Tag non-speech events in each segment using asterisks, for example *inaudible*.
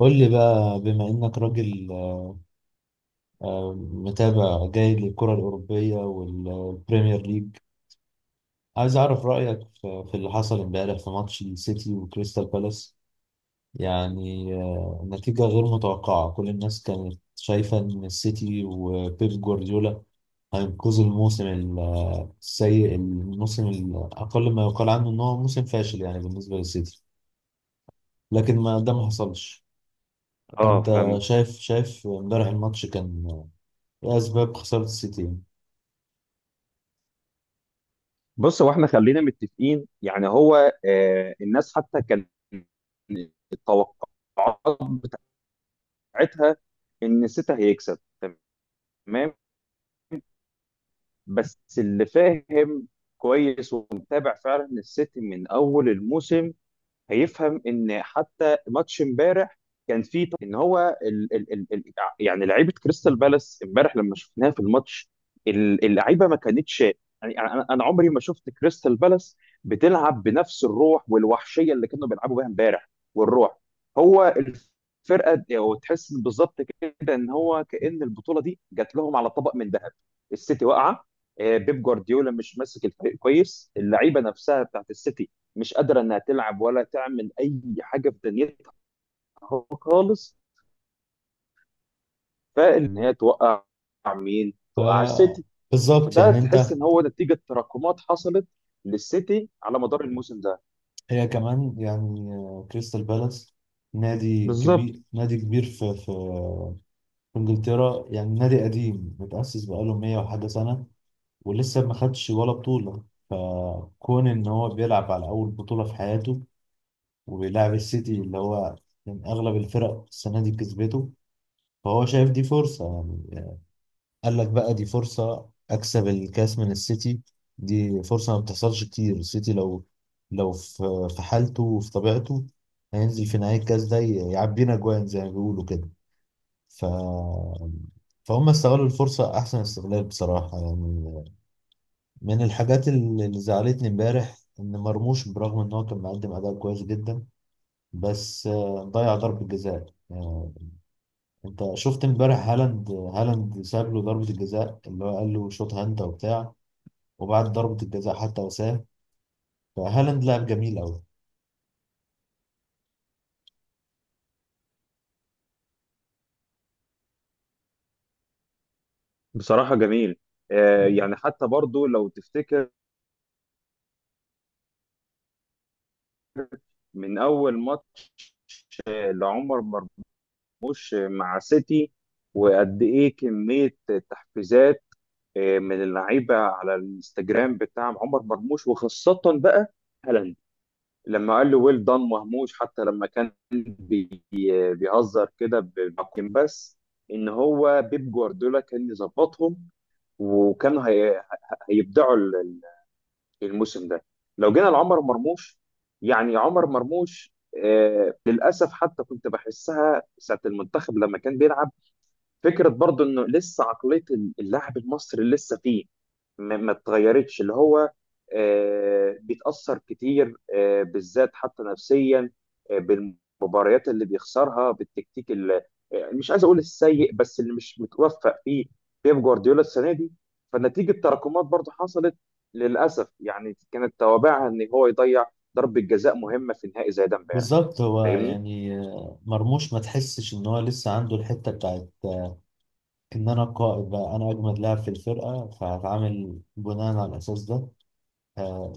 قول لي بقى بما إنك راجل، متابع جيد للكرة الأوروبية والبريمير ليج. عايز أعرف رأيك في اللي حصل امبارح في ماتش السيتي وكريستال بالاس. يعني نتيجة غير متوقعة، كل الناس كانت شايفة إن السيتي وبيب جوارديولا هينقذوا الموسم السيء، الموسم الأقل ما يقال عنه إن هو موسم فاشل يعني بالنسبة للسيتي، لكن ما ده ما حصلش. اه فأنت فاهمك. شايف امبارح الماتش كان لأسباب خسارة السيتي. بص هو احنا خلينا متفقين، يعني هو الناس حتى كان التوقعات بتاعتها ان سيتا هيكسب، تمام؟ بس اللي فاهم كويس ومتابع فعلا السيتي من اول الموسم هيفهم ان حتى ماتش امبارح كان فيه ط- ان هو ال ال ال ال يعني لعيبه كريستال بالاس امبارح لما شفناها في الماتش اللعيبه ما كانتش، يعني انا عمري ما شفت كريستال بالاس بتلعب بنفس الروح والوحشيه اللي كانوا بيلعبوا بيها امبارح. والروح، هو الفرقه وتحس بالظبط كده ان هو كأن البطوله دي جات لهم على طبق من ذهب. السيتي واقعه، بيب جوارديولا مش ماسك الفريق كويس، اللعيبه نفسها بتاعت السيتي مش قادره انها تلعب ولا تعمل اي حاجه في دنيتها خالص. فان هي توقع مين؟ ف توقع السيتي. بالظبط وده يعني تحس أنت. ان هو نتيجه تراكمات حصلت للسيتي على مدار الموسم ده. هي كمان يعني كريستال بالاس نادي بالظبط. كبير، نادي كبير في في إنجلترا، يعني نادي قديم متأسس بقاله 100 وحاجة سنة، ولسه ما خدش ولا بطولة. فكون إن هو بيلعب على أول بطولة في حياته، وبيلعب السيتي اللي هو من أغلب الفرق السنة دي كسبته، فهو شايف دي فرصة يعني. قال لك بقى دي فرصة أكسب الكاس من السيتي، دي فرصة ما بتحصلش كتير. السيتي لو في حالته وفي طبيعته هينزل في نهاية الكاس ده يعبينا جوان زي ما بيقولوا كده. ف فهم استغلوا الفرصة أحسن استغلال بصراحة يعني. من الحاجات اللي زعلتني امبارح إن مرموش برغم إن هو كان مقدم أداء كويس جدا، بس ضيع ضربة جزاء. أنت شفت امبارح هالاند ساب له ضربة الجزاء اللي هو قال له شوطها أنت وبتاع، وبعد ضربة الجزاء حتى وسام. فهالاند لعب جميل قوي. بصراحه جميل. يعني حتى برضو لو تفتكر من اول ماتش لعمر مرموش مع سيتي، وقد ايه كميه تحفيزات من اللعيبه على الانستجرام بتاع عمر مرموش، وخاصه بقى هالاند لما قال له ويل دان مهموش. حتى لما كان بيهزر كده بس ان هو بيب جوارديولا كان يظبطهم، وكانوا هي هيبدعوا الموسم ده. لو جينا لعمر مرموش، يعني عمر مرموش للاسف حتى كنت بحسها ساعه المنتخب لما كان بيلعب، فكره برضو انه لسه عقليه اللاعب المصري لسه فيه، ما اتغيرتش. اللي هو بيتاثر كتير، بالذات حتى نفسيا، بالمباريات اللي بيخسرها، بالتكتيك اللي مش عايز اقول السيء، بس اللي مش متوفق فيه بيب جوارديولا السنه دي. فنتيجه تراكمات برضو حصلت للاسف، يعني كانت توابعها ان هو يضيع ضربه جزاء مهمه في نهائي زي ده امبارح. بالظبط. هو فاهمني؟ يعني مرموش ما تحسش ان هو لسه عنده الحتة بتاعت ان انا القائد بقى، انا اجمد لاعب في الفرقة فهتعامل بناء على الاساس ده. آه،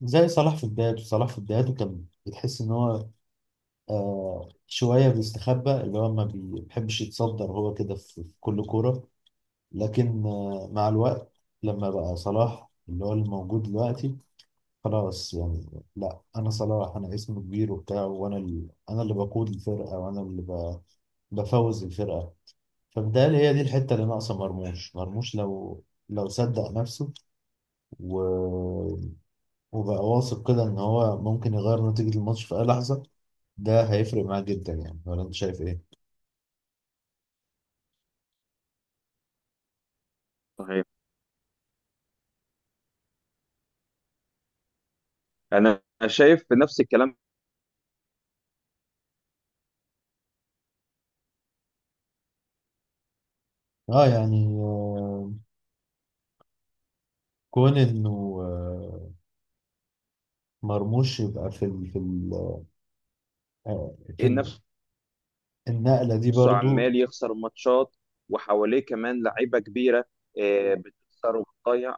زي صلاح في بدايته. صلاح في بدايته كان بتحس ان هو آه، شوية بيستخبى، اللي هو ما بيحبش يتصدر هو كده في كل كورة. لكن مع الوقت لما بقى صلاح اللي هو الموجود دلوقتي، خلاص يعني لا انا صلاح، انا اسمي كبير وبتاع، وانا ال... انا اللي بقود الفرقه، وانا اللي ب... بفوز الفرقه. فبالتالي هي دي الحته اللي ناقصه مرموش. مرموش لو صدق نفسه و... وبقى واثق كده ان هو ممكن يغير نتيجه الماتش في اي لحظه، ده هيفرق معاه جدا يعني. ولا انت شايف ايه؟ صحيح. انا شايف نفس الكلام. اه يعني كون انه مرموش يبقى في ال... في ال... آه، في نفس النقله دي نفسه برضو. عمال يخسر ماتشات، وحواليه كمان لعيبه كبيره بتخسر وبتضيع.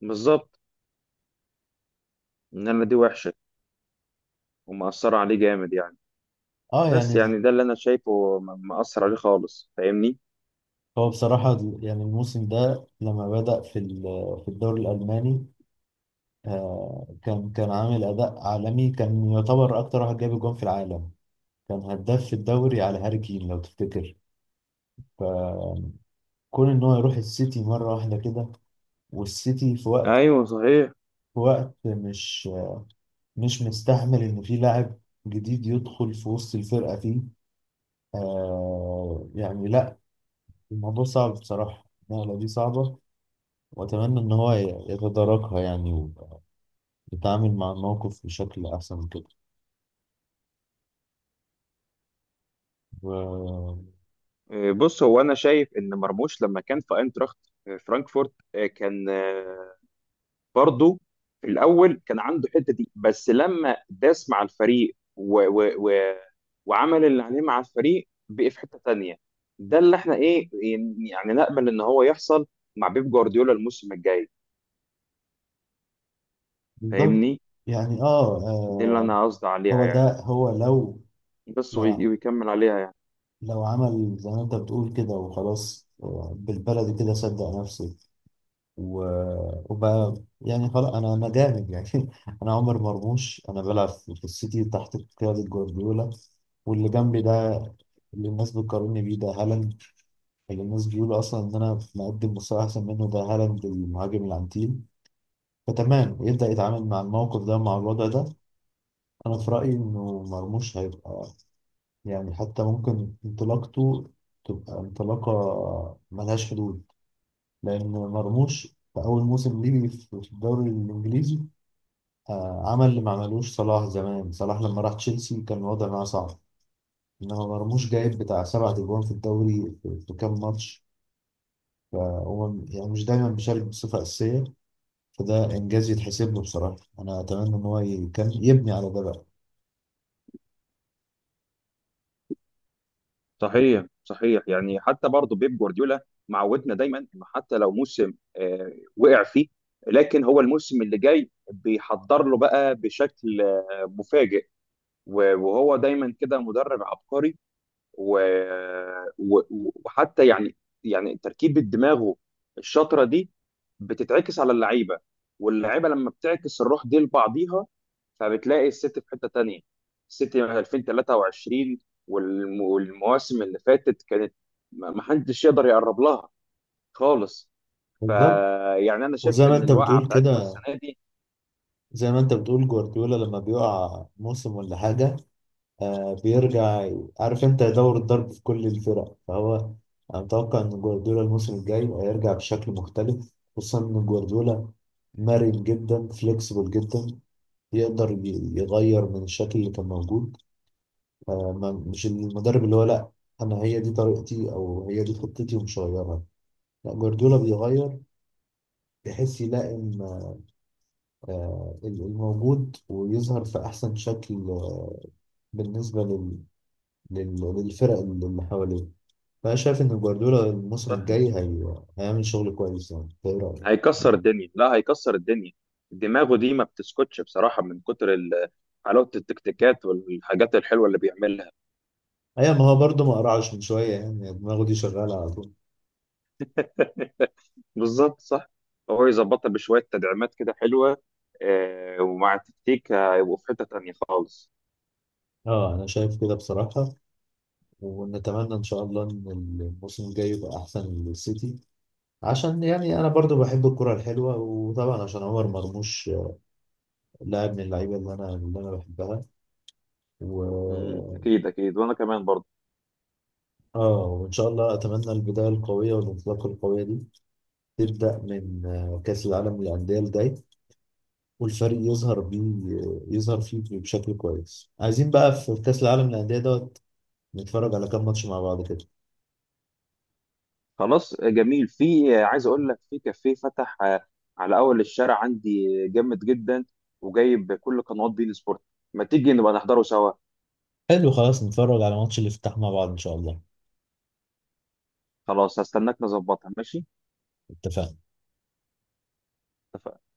بالظبط. انما دي وحشه ومأثره عليه جامد يعني. اه بس يعني يعني ده اللي انا شايفه مأثر عليه خالص. فاهمني؟ هو بصراحة يعني الموسم ده لما بدأ في الدوري الألماني، كان عامل أداء عالمي، كان يعتبر أكتر واحد جاب جون في العالم، كان هداف في الدوري على هاري كين لو تفتكر. فكون إن هو يروح السيتي مرة واحدة كده، والسيتي في وقت، ايوه صحيح. في وقت مش مش مستحمل إن في لاعب جديد يدخل في وسط الفرقة فيه. يعني لأ، الموضوع صعب بصراحة، النقلة دي صعبة، وأتمنى إن هو يتداركها يعني، تتعامل مع الموقف بشكل أحسن من كده. و- بص هو انا شايف ان مرموش لما كان في اينتراخت فرانكفورت، كان برضه في الاول كان عنده الحته دي، بس لما داس مع الفريق و وعمل اللي عليه مع الفريق بقي في حته تانيه. ده اللي احنا ايه، يعني نامل ان هو يحصل مع بيب جوارديولا الموسم الجاي. بالظبط فاهمني؟ يعني دي اللي انا قصدي عليها هو يعني. ده، هو بس لو ويكمل عليها يعني. لو عمل زي ما أنت بتقول كده وخلاص، بالبلدي كده صدق نفسه وبقى يعني خلاص، أنا جامد يعني *laughs* أنا عمر مرموش، أنا بلعب في السيتي تحت قيادة جوارديولا. واللي جنبي ده، اللي الناس بتقارني بيه ده، هالاند. اللي الناس بيقولوا أصلا إن أنا مقدم مستوى أحسن منه ده هالاند، المهاجم العنتيل. فتمام، يبدأ يتعامل مع الموقف ده، مع الوضع ده. أنا في رأيي إنه مرموش هيبقى يعني، حتى ممكن انطلاقته تبقى انطلاقة ملهاش حدود. لأن مرموش في أول موسم ليه في الدوري الإنجليزي عمل اللي ما عملوش صلاح. زمان صلاح لما راح تشيلسي كان الوضع معاه صعب، إنما مرموش جايب بتاع سبع أجوان في الدوري في كام ماتش، فهو يعني مش دايما بيشارك بصفة أساسية. فده إنجاز يتحسب له بصراحة. أنا أتمنى إن هو يبني على ده بقى. صحيح صحيح. يعني حتى برضه بيب جوارديولا معودنا دايما انه حتى لو موسم وقع فيه، لكن هو الموسم اللي جاي بيحضر له بقى بشكل مفاجئ. و- وهو دايما كده مدرب عبقري، و... و... وحتى يعني يعني تركيبة دماغه الشاطرة دي بتتعكس على اللعيبة، واللعيبة لما بتعكس الروح دي لبعضيها فبتلاقي السيتي في حتة تانية. السيتي من 2023 والم... والمواسم اللي فاتت كانت ما حدش يقدر يقرب لها خالص. بالظبط. فيعني انا شايف وزي ما ان انت الوقعة بتقول بتاعتهم كده، السنة زي ما انت بتقول جوارديولا لما بيقع موسم ولا حاجة، آه بيرجع. عارف انت، يدور الضرب في كل الفرق. فهو انا متوقع ان جوارديولا الموسم الجاي هيرجع بشكل مختلف، خصوصا ان جوارديولا مرن جدا، فليكسبل جدا، يقدر يغير من الشكل اللي كان موجود. مش المدرب اللي هو لا انا هي دي طريقتي او هي دي خطتي ومش هغيرها. لا جوارديولا بيغير بحيث يلائم الموجود، ويظهر في أحسن شكل بالنسبة للفرق اللي حواليه. فأنا شايف إن جوارديولا الموسم دي الجاي هيعمل شغل كويس يعني. إنت إيه رأيك؟ هيكسر الدنيا. لا هيكسر الدنيا، دماغه دي ما بتسكتش بصراحة من كتر حلاوة التكتيكات والحاجات الحلوة اللي بيعملها. أيوة، ما هو برضه ما قرعش من شوية يعني، يعني دماغه دي شغالة على طول. بالظبط صح. هو يظبطها بشوية تدعيمات كده حلوة، ومع التكتيك هيبقوا في حتة تانية خالص. أه أنا شايف كده بصراحة. ونتمنى إن شاء الله إن الموسم الجاي يبقى أحسن للسيتي، عشان يعني أنا برضه بحب الكرة الحلوة، وطبعا عشان عمر مرموش لاعب من اللعيبة اللي أنا بحبها. مم، و... أكيد أكيد، وأنا كمان برضه. اه وان شاء الله اتمنى البدايه القويه والانطلاقه القويه دي تبدا من كاس العالم للانديه الجاي، والفريق يظهر بيه يظهر فيه بشكل كويس. عايزين بقى في كاس العالم للانديه دوت نتفرج على كام ماتش مع بعض كده. خلاص. جميل. في عايز أقول لك في كافيه فتح على أول الشارع عندي، جامد جدا، وجايب كل قنوات بين سبورت. ما تيجي نبقى نحضره سوا؟ حلو خلاص نتفرج على ماتش الافتتاح مع بعض ان شاء الله. خلاص هستناك، نظبطها، ماشي. اتفقنا. اتفقنا.